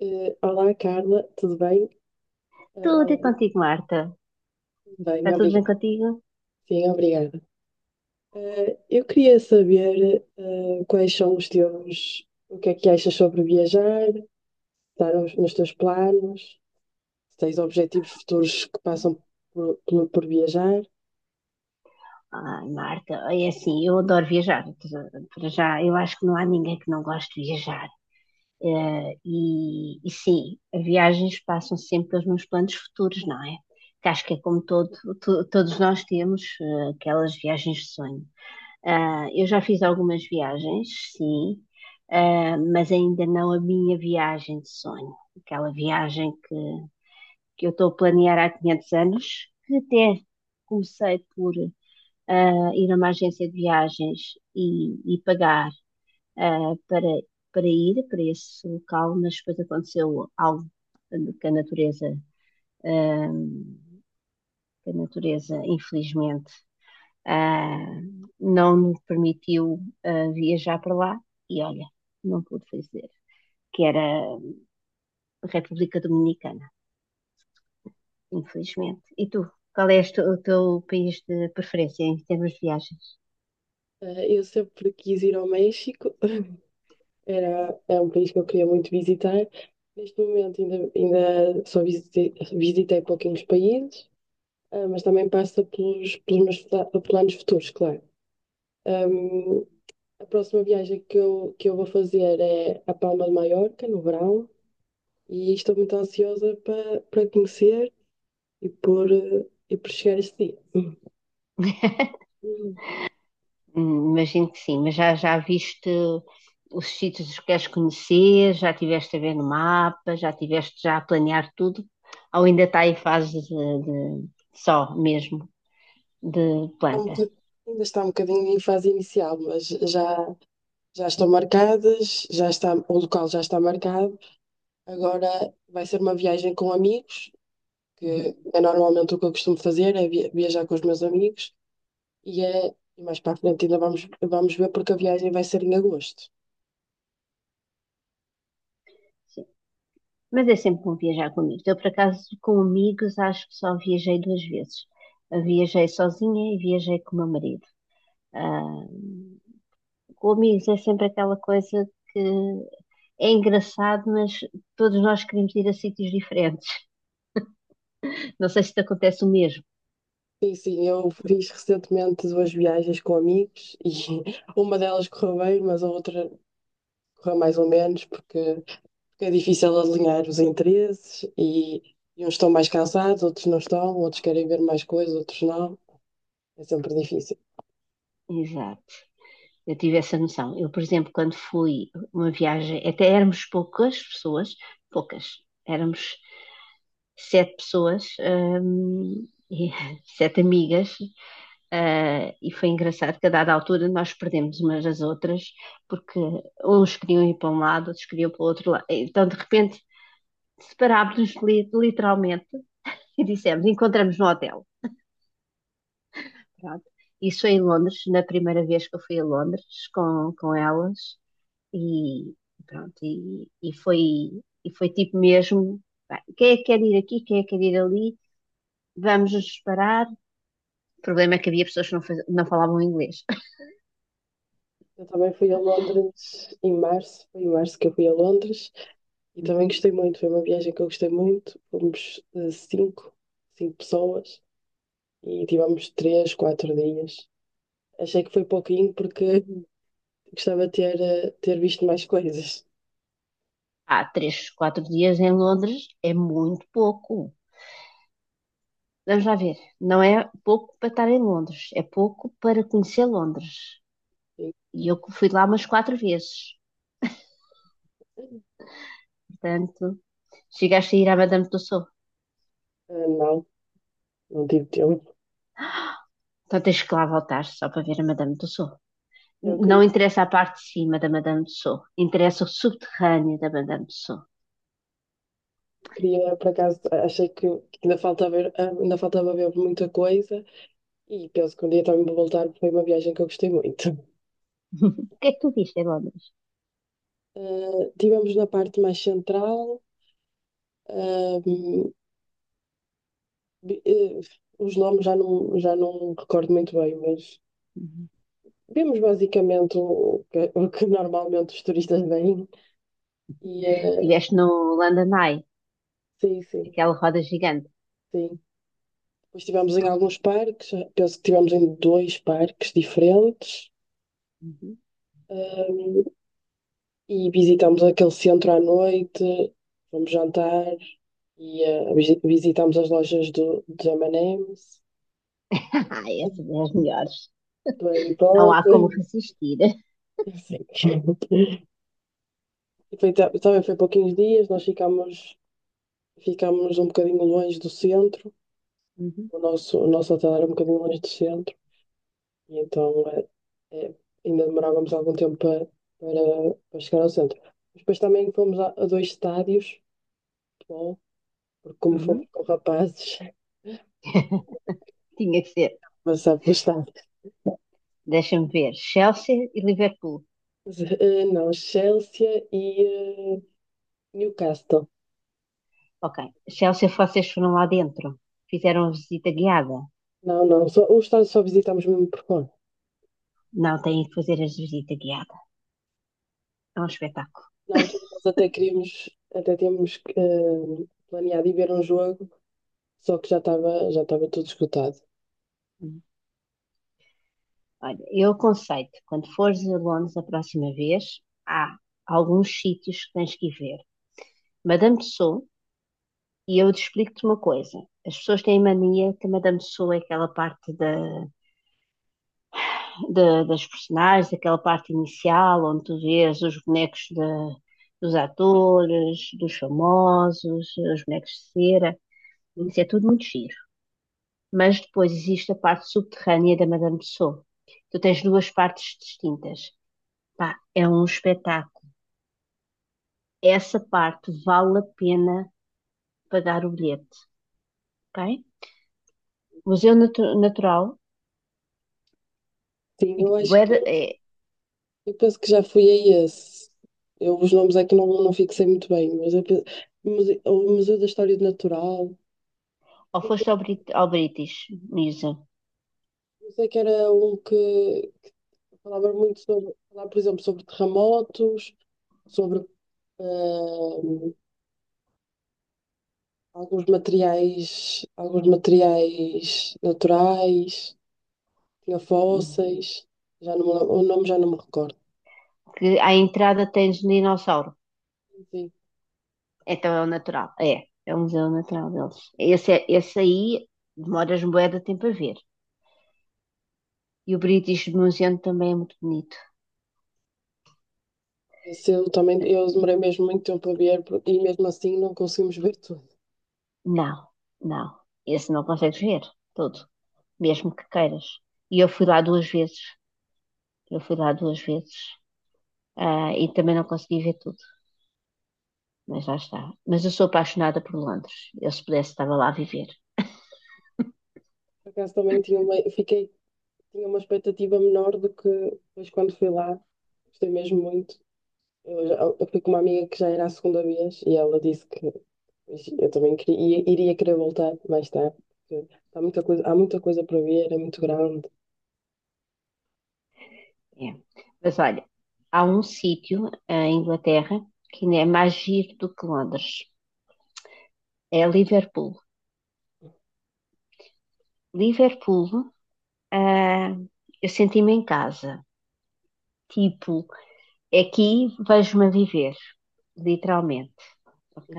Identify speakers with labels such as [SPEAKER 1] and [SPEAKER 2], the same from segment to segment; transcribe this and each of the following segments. [SPEAKER 1] Olá, Carla, tudo bem?
[SPEAKER 2] Tudo é
[SPEAKER 1] Eh,
[SPEAKER 2] contigo, Marta.
[SPEAKER 1] Bem,
[SPEAKER 2] Está tudo bem
[SPEAKER 1] obrigada.
[SPEAKER 2] contigo?
[SPEAKER 1] Sim, obrigada. Eu queria saber, quais são os teus, o que é que achas sobre viajar, estar nos teus planos, se tens objetivos futuros que passam por viajar.
[SPEAKER 2] Ai, Marta, é assim, eu adoro viajar. Para já, eu acho que não há ninguém que não goste de viajar. E sim, viagens passam sempre pelos meus planos futuros, não é? Que acho que é como todo, todos nós temos aquelas viagens de sonho. Ah, eu já fiz algumas viagens, sim, ah, mas ainda não a minha viagem de sonho. Aquela viagem que eu estou a planear há 500 anos, que até comecei por ah, ir a uma agência de viagens e pagar ah, para, para ir para esse local, mas depois aconteceu algo que a natureza, ah, que a natureza infelizmente, ah, não me permitiu ah, viajar para lá e olha, não pude fazer, que era a República Dominicana. Infelizmente. E tu? Qual é o teu país de preferência em termos de viagens?
[SPEAKER 1] Eu sempre quis ir ao México, é um país que eu queria muito visitar. Neste momento ainda só visitei pouquinhos países, ah, mas também passa pelos meus planos futuros, claro. Um, a próxima viagem que que eu vou fazer é a Palma de Maiorca, no verão, e estou muito ansiosa para conhecer e e por chegar a esse dia. Hum.
[SPEAKER 2] Imagino que sim, mas já, já viste os sítios que queres conhecer, já tiveste a ver no mapa, já tiveste já a planear tudo, ou ainda está em fase de, de- só mesmo de
[SPEAKER 1] Está um
[SPEAKER 2] planta?
[SPEAKER 1] boc- Ainda está um bocadinho em fase inicial, mas já, já estão marcadas, já está, o local já está marcado. Agora vai ser uma viagem com amigos, que
[SPEAKER 2] Uhum.
[SPEAKER 1] é normalmente o que eu costumo fazer, é viajar com os meus amigos, e e mais para a frente ainda vamos ver porque a viagem vai ser em agosto.
[SPEAKER 2] Sim. Mas é sempre bom viajar com amigos. Eu, por acaso, com amigos, acho que só viajei duas vezes. Eu viajei sozinha e viajei com o meu marido. Ah, com amigos é sempre aquela coisa que é engraçado, mas todos nós queremos ir a sítios diferentes. Não sei se te acontece o mesmo.
[SPEAKER 1] Sim, sim, eu fiz recentemente duas viagens com amigos e uma delas correu bem, mas a outra correu mais ou menos, porque é difícil alinhar os interesses e uns estão mais cansados, outros não estão, outros querem ver mais coisas, outros não. É sempre difícil.
[SPEAKER 2] Exato. Eu tive essa noção. Eu, por exemplo, quando fui uma viagem, até éramos poucas pessoas, poucas, éramos sete pessoas, e sete amigas, e foi engraçado que a dada altura nós perdemos umas às outras, porque uns queriam ir para um lado, outros queriam para o outro lado. Então, de repente, separámos-nos literalmente e dissemos: encontramos no hotel. Pronto. Isso foi em Londres, na primeira vez que eu fui a Londres com elas. E pronto, e foi tipo mesmo, pá, quem é que quer ir aqui, quem é que quer ir ali, vamos nos separar. O problema é que havia pessoas que não, não falavam inglês.
[SPEAKER 1] Eu também fui a Londres em março, foi em março que eu fui a Londres e também gostei muito, foi uma viagem que eu gostei muito. Fomos cinco pessoas e tivemos três, quatro dias. Achei que foi pouquinho porque gostava de ter visto mais coisas.
[SPEAKER 2] Há três, quatro dias em Londres é muito pouco. Vamos lá ver, não é pouco para estar em Londres, é pouco para conhecer Londres.
[SPEAKER 1] Sim.
[SPEAKER 2] E eu fui lá umas quatro vezes, portanto. Chegaste a ir à Madame Tussauds.
[SPEAKER 1] Ah, não, não tive tempo.
[SPEAKER 2] Então tens que lá voltar só para ver a Madame Tussauds.
[SPEAKER 1] Eu
[SPEAKER 2] Não interessa a parte de cima da Madame Tussauds, interessa o subterrâneo da Madame Tussauds.
[SPEAKER 1] queria, por acaso, achei que ainda faltava ver, ah, ainda faltava ver muita coisa e penso que um dia também vou voltar, porque foi uma viagem que eu gostei muito.
[SPEAKER 2] O que é que tu viste em Londres?
[SPEAKER 1] Ah, estivemos na parte mais central, ah, vi- eh, os nomes já não recordo muito bem, mas
[SPEAKER 2] Uhum.
[SPEAKER 1] vimos basicamente o que normalmente os turistas veem e
[SPEAKER 2] Estiveste no London Eye,
[SPEAKER 1] sim, sim,
[SPEAKER 2] aquela roda gigante.
[SPEAKER 1] sim. Depois estivemos em alguns parques, penso que estivemos em dois parques diferentes,
[SPEAKER 2] Uhum.
[SPEAKER 1] hum, e visitamos aquele centro à noite, fomos jantar e visitamos as lojas dos M&M's,
[SPEAKER 2] Ai, essas é as melhores.
[SPEAKER 1] do Harry
[SPEAKER 2] Não há
[SPEAKER 1] Potter,
[SPEAKER 2] como resistir.
[SPEAKER 1] assim. E também foi pouquinhos dias, ficámos um bocadinho longe do centro,
[SPEAKER 2] Uhum,
[SPEAKER 1] o nosso hotel era um bocadinho longe do centro. E então eh, ainda demorávamos algum tempo para chegar ao centro. Mas depois também fomos a dois estádios de futebol, porque como fomos
[SPEAKER 2] uhum.
[SPEAKER 1] com rapazes,
[SPEAKER 2] Tinha que ser.
[SPEAKER 1] passar pelo estádio.
[SPEAKER 2] Deixa-me ver. Chelsea e Liverpool.
[SPEAKER 1] Mas, eh, não, Chelsea e Newcastle.
[SPEAKER 2] Ok. Chelsea, vocês foram lá dentro. Fizeram a visita guiada.
[SPEAKER 1] Não, não, o estádio só visitamos mesmo por fora.
[SPEAKER 2] Não, têm que fazer a visita guiada. É um espetáculo.
[SPEAKER 1] Na altura nós até queríamos, até tínhamos planeado ir ver um jogo, só que já estava tudo esgotado.
[SPEAKER 2] Olha, eu aconselho quando fores a Londres a próxima vez, há alguns sítios que tens que ir ver. Madame Tussauds, e eu te explico-te uma coisa. As pessoas têm mania que a Madame Tussauds é aquela parte da, das personagens, aquela parte inicial, onde tu vês os bonecos dos atores, dos famosos, os bonecos de cera.
[SPEAKER 1] Hum.
[SPEAKER 2] Isso é tudo muito giro. Mas depois existe a parte subterrânea da Madame Tussauds. Tu tens duas partes distintas. Pá, é um espetáculo. Essa parte vale a pena pagar o bilhete, ok? Museu Natural,
[SPEAKER 1] Sim, eu acho
[SPEAKER 2] Bué- é,
[SPEAKER 1] eu penso que já fui a esse. Eu os nomes é que não fixei muito bem, mas eu penso, o Museu da História do Natural.
[SPEAKER 2] ou foste ao, Brit ao British Museum,
[SPEAKER 1] Não sei que era um que falava muito sobre, falava, por exemplo, sobre terremotos, sobre eh, alguns alguns materiais naturais, tinha
[SPEAKER 2] hum,
[SPEAKER 1] fósseis, já não, me lem- o nome já não me recordo.
[SPEAKER 2] que à entrada tens um dinossauro.
[SPEAKER 1] Sim,
[SPEAKER 2] Então é o natural. É, é o museu natural deles. Esse, esse aí demoras bué de tempo a ver. E o British Museum também é muito bonito.
[SPEAKER 1] esse eu também, eu demorei mesmo muito tempo a ver, e mesmo assim não conseguimos ver tudo.
[SPEAKER 2] Não, não. Esse não consegues ver todo, mesmo que queiras. E eu fui lá duas vezes. Eu fui lá duas vezes. Ah, e também não consegui ver tudo, mas lá está. Mas eu sou apaixonada por Londres. Eu, se pudesse, estava lá a viver.
[SPEAKER 1] Por acaso também tinha uma expectativa menor do que depois quando fui lá. Gostei mesmo muito. Eu fui com uma amiga que já era a segunda vez e ela disse que eu também iria querer voltar mais tarde, porque há muita coisa para ver, é muito grande.
[SPEAKER 2] É. Mas olha, há um sítio ah, em Inglaterra que ainda é mais giro do que Londres. É Liverpool. Liverpool, ah, eu senti-me em casa. Tipo, aqui vejo-me a viver, literalmente. Ok?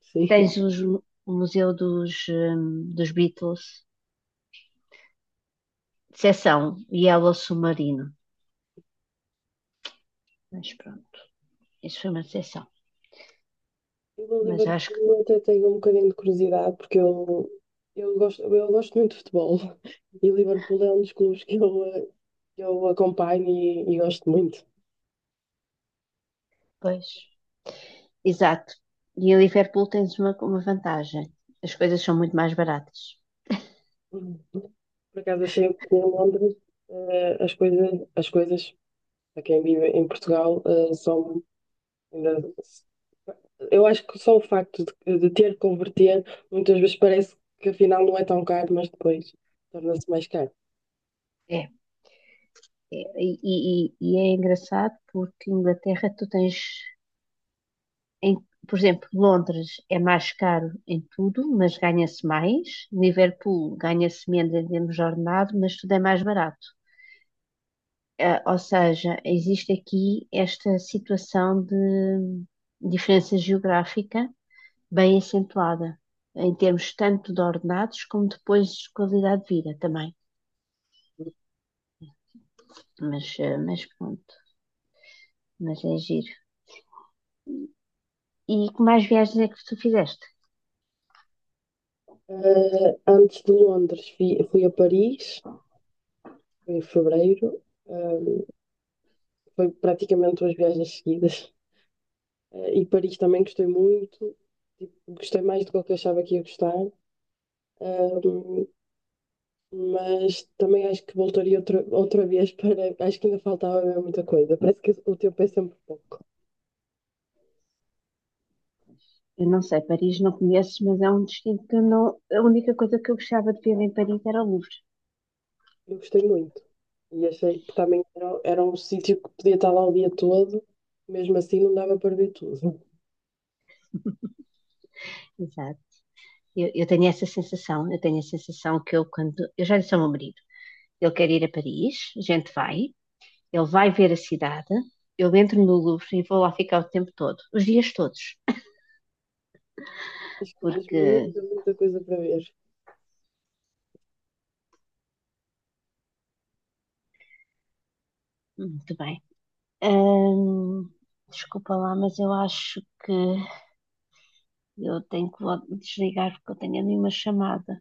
[SPEAKER 1] Sim.
[SPEAKER 2] Tens o Museu dos, dos Beatles, seção Yellow Submarino. Mas pronto, isso foi uma seção.
[SPEAKER 1] Eu a
[SPEAKER 2] Mas acho que
[SPEAKER 1] Liverpool até tenho um bocadinho de curiosidade, porque eu eu gosto muito de futebol e Liverpool é um dos clubes que que eu acompanho e gosto muito.
[SPEAKER 2] depois. Exato. E a Liverpool tens uma vantagem. As coisas são muito mais baratas.
[SPEAKER 1] Por acaso achei que em Londres eh, as coisas, as coisas para quem vive em Portugal são ainda, eu acho que só o facto de ter que converter, muitas vezes parece que afinal não é tão caro, mas depois torna-se mais caro.
[SPEAKER 2] É, e é engraçado porque em Inglaterra tu tens, em- por exemplo, Londres é mais caro em tudo, mas ganha-se mais. Liverpool ganha-se menos em termos de ordenado, mas tudo é mais barato. Ou seja, existe aqui esta situação de diferença geográfica bem acentuada, em termos tanto de ordenados como depois de qualidade de vida também. Mas pronto, mas é giro. E que mais viagens é que tu fizeste?
[SPEAKER 1] Eh, antes de Londres, fui a Paris, foi em fevereiro, eh, foi praticamente duas viagens seguidas. E Paris também gostei muito, tipo, gostei mais do que eu achava que ia gostar. Ah, mas também acho que voltaria outra vez para. Acho que ainda faltava mesmo muita coisa. Parece que o tempo é sempre pouco.
[SPEAKER 2] Eu não sei, Paris não conheço, mas é um destino que eu não. A única coisa que eu gostava de ver em Paris era o Louvre.
[SPEAKER 1] Eu gostei muito e achei que também era um sítio que podia estar lá o dia todo, mesmo assim não dava para ver tudo.
[SPEAKER 2] Exato. Eu tenho essa sensação, eu tenho a sensação que eu, quando. Eu já disse ao meu marido, ele quer ir a Paris, a gente vai, ele vai ver a cidade, eu entro no Louvre e vou lá ficar o tempo todo, os dias todos,
[SPEAKER 1] Acho que mesmo
[SPEAKER 2] porque,
[SPEAKER 1] muita coisa para ver.
[SPEAKER 2] muito bem, Ahm, desculpa lá, mas eu acho que eu tenho que desligar porque eu tenho ali uma chamada.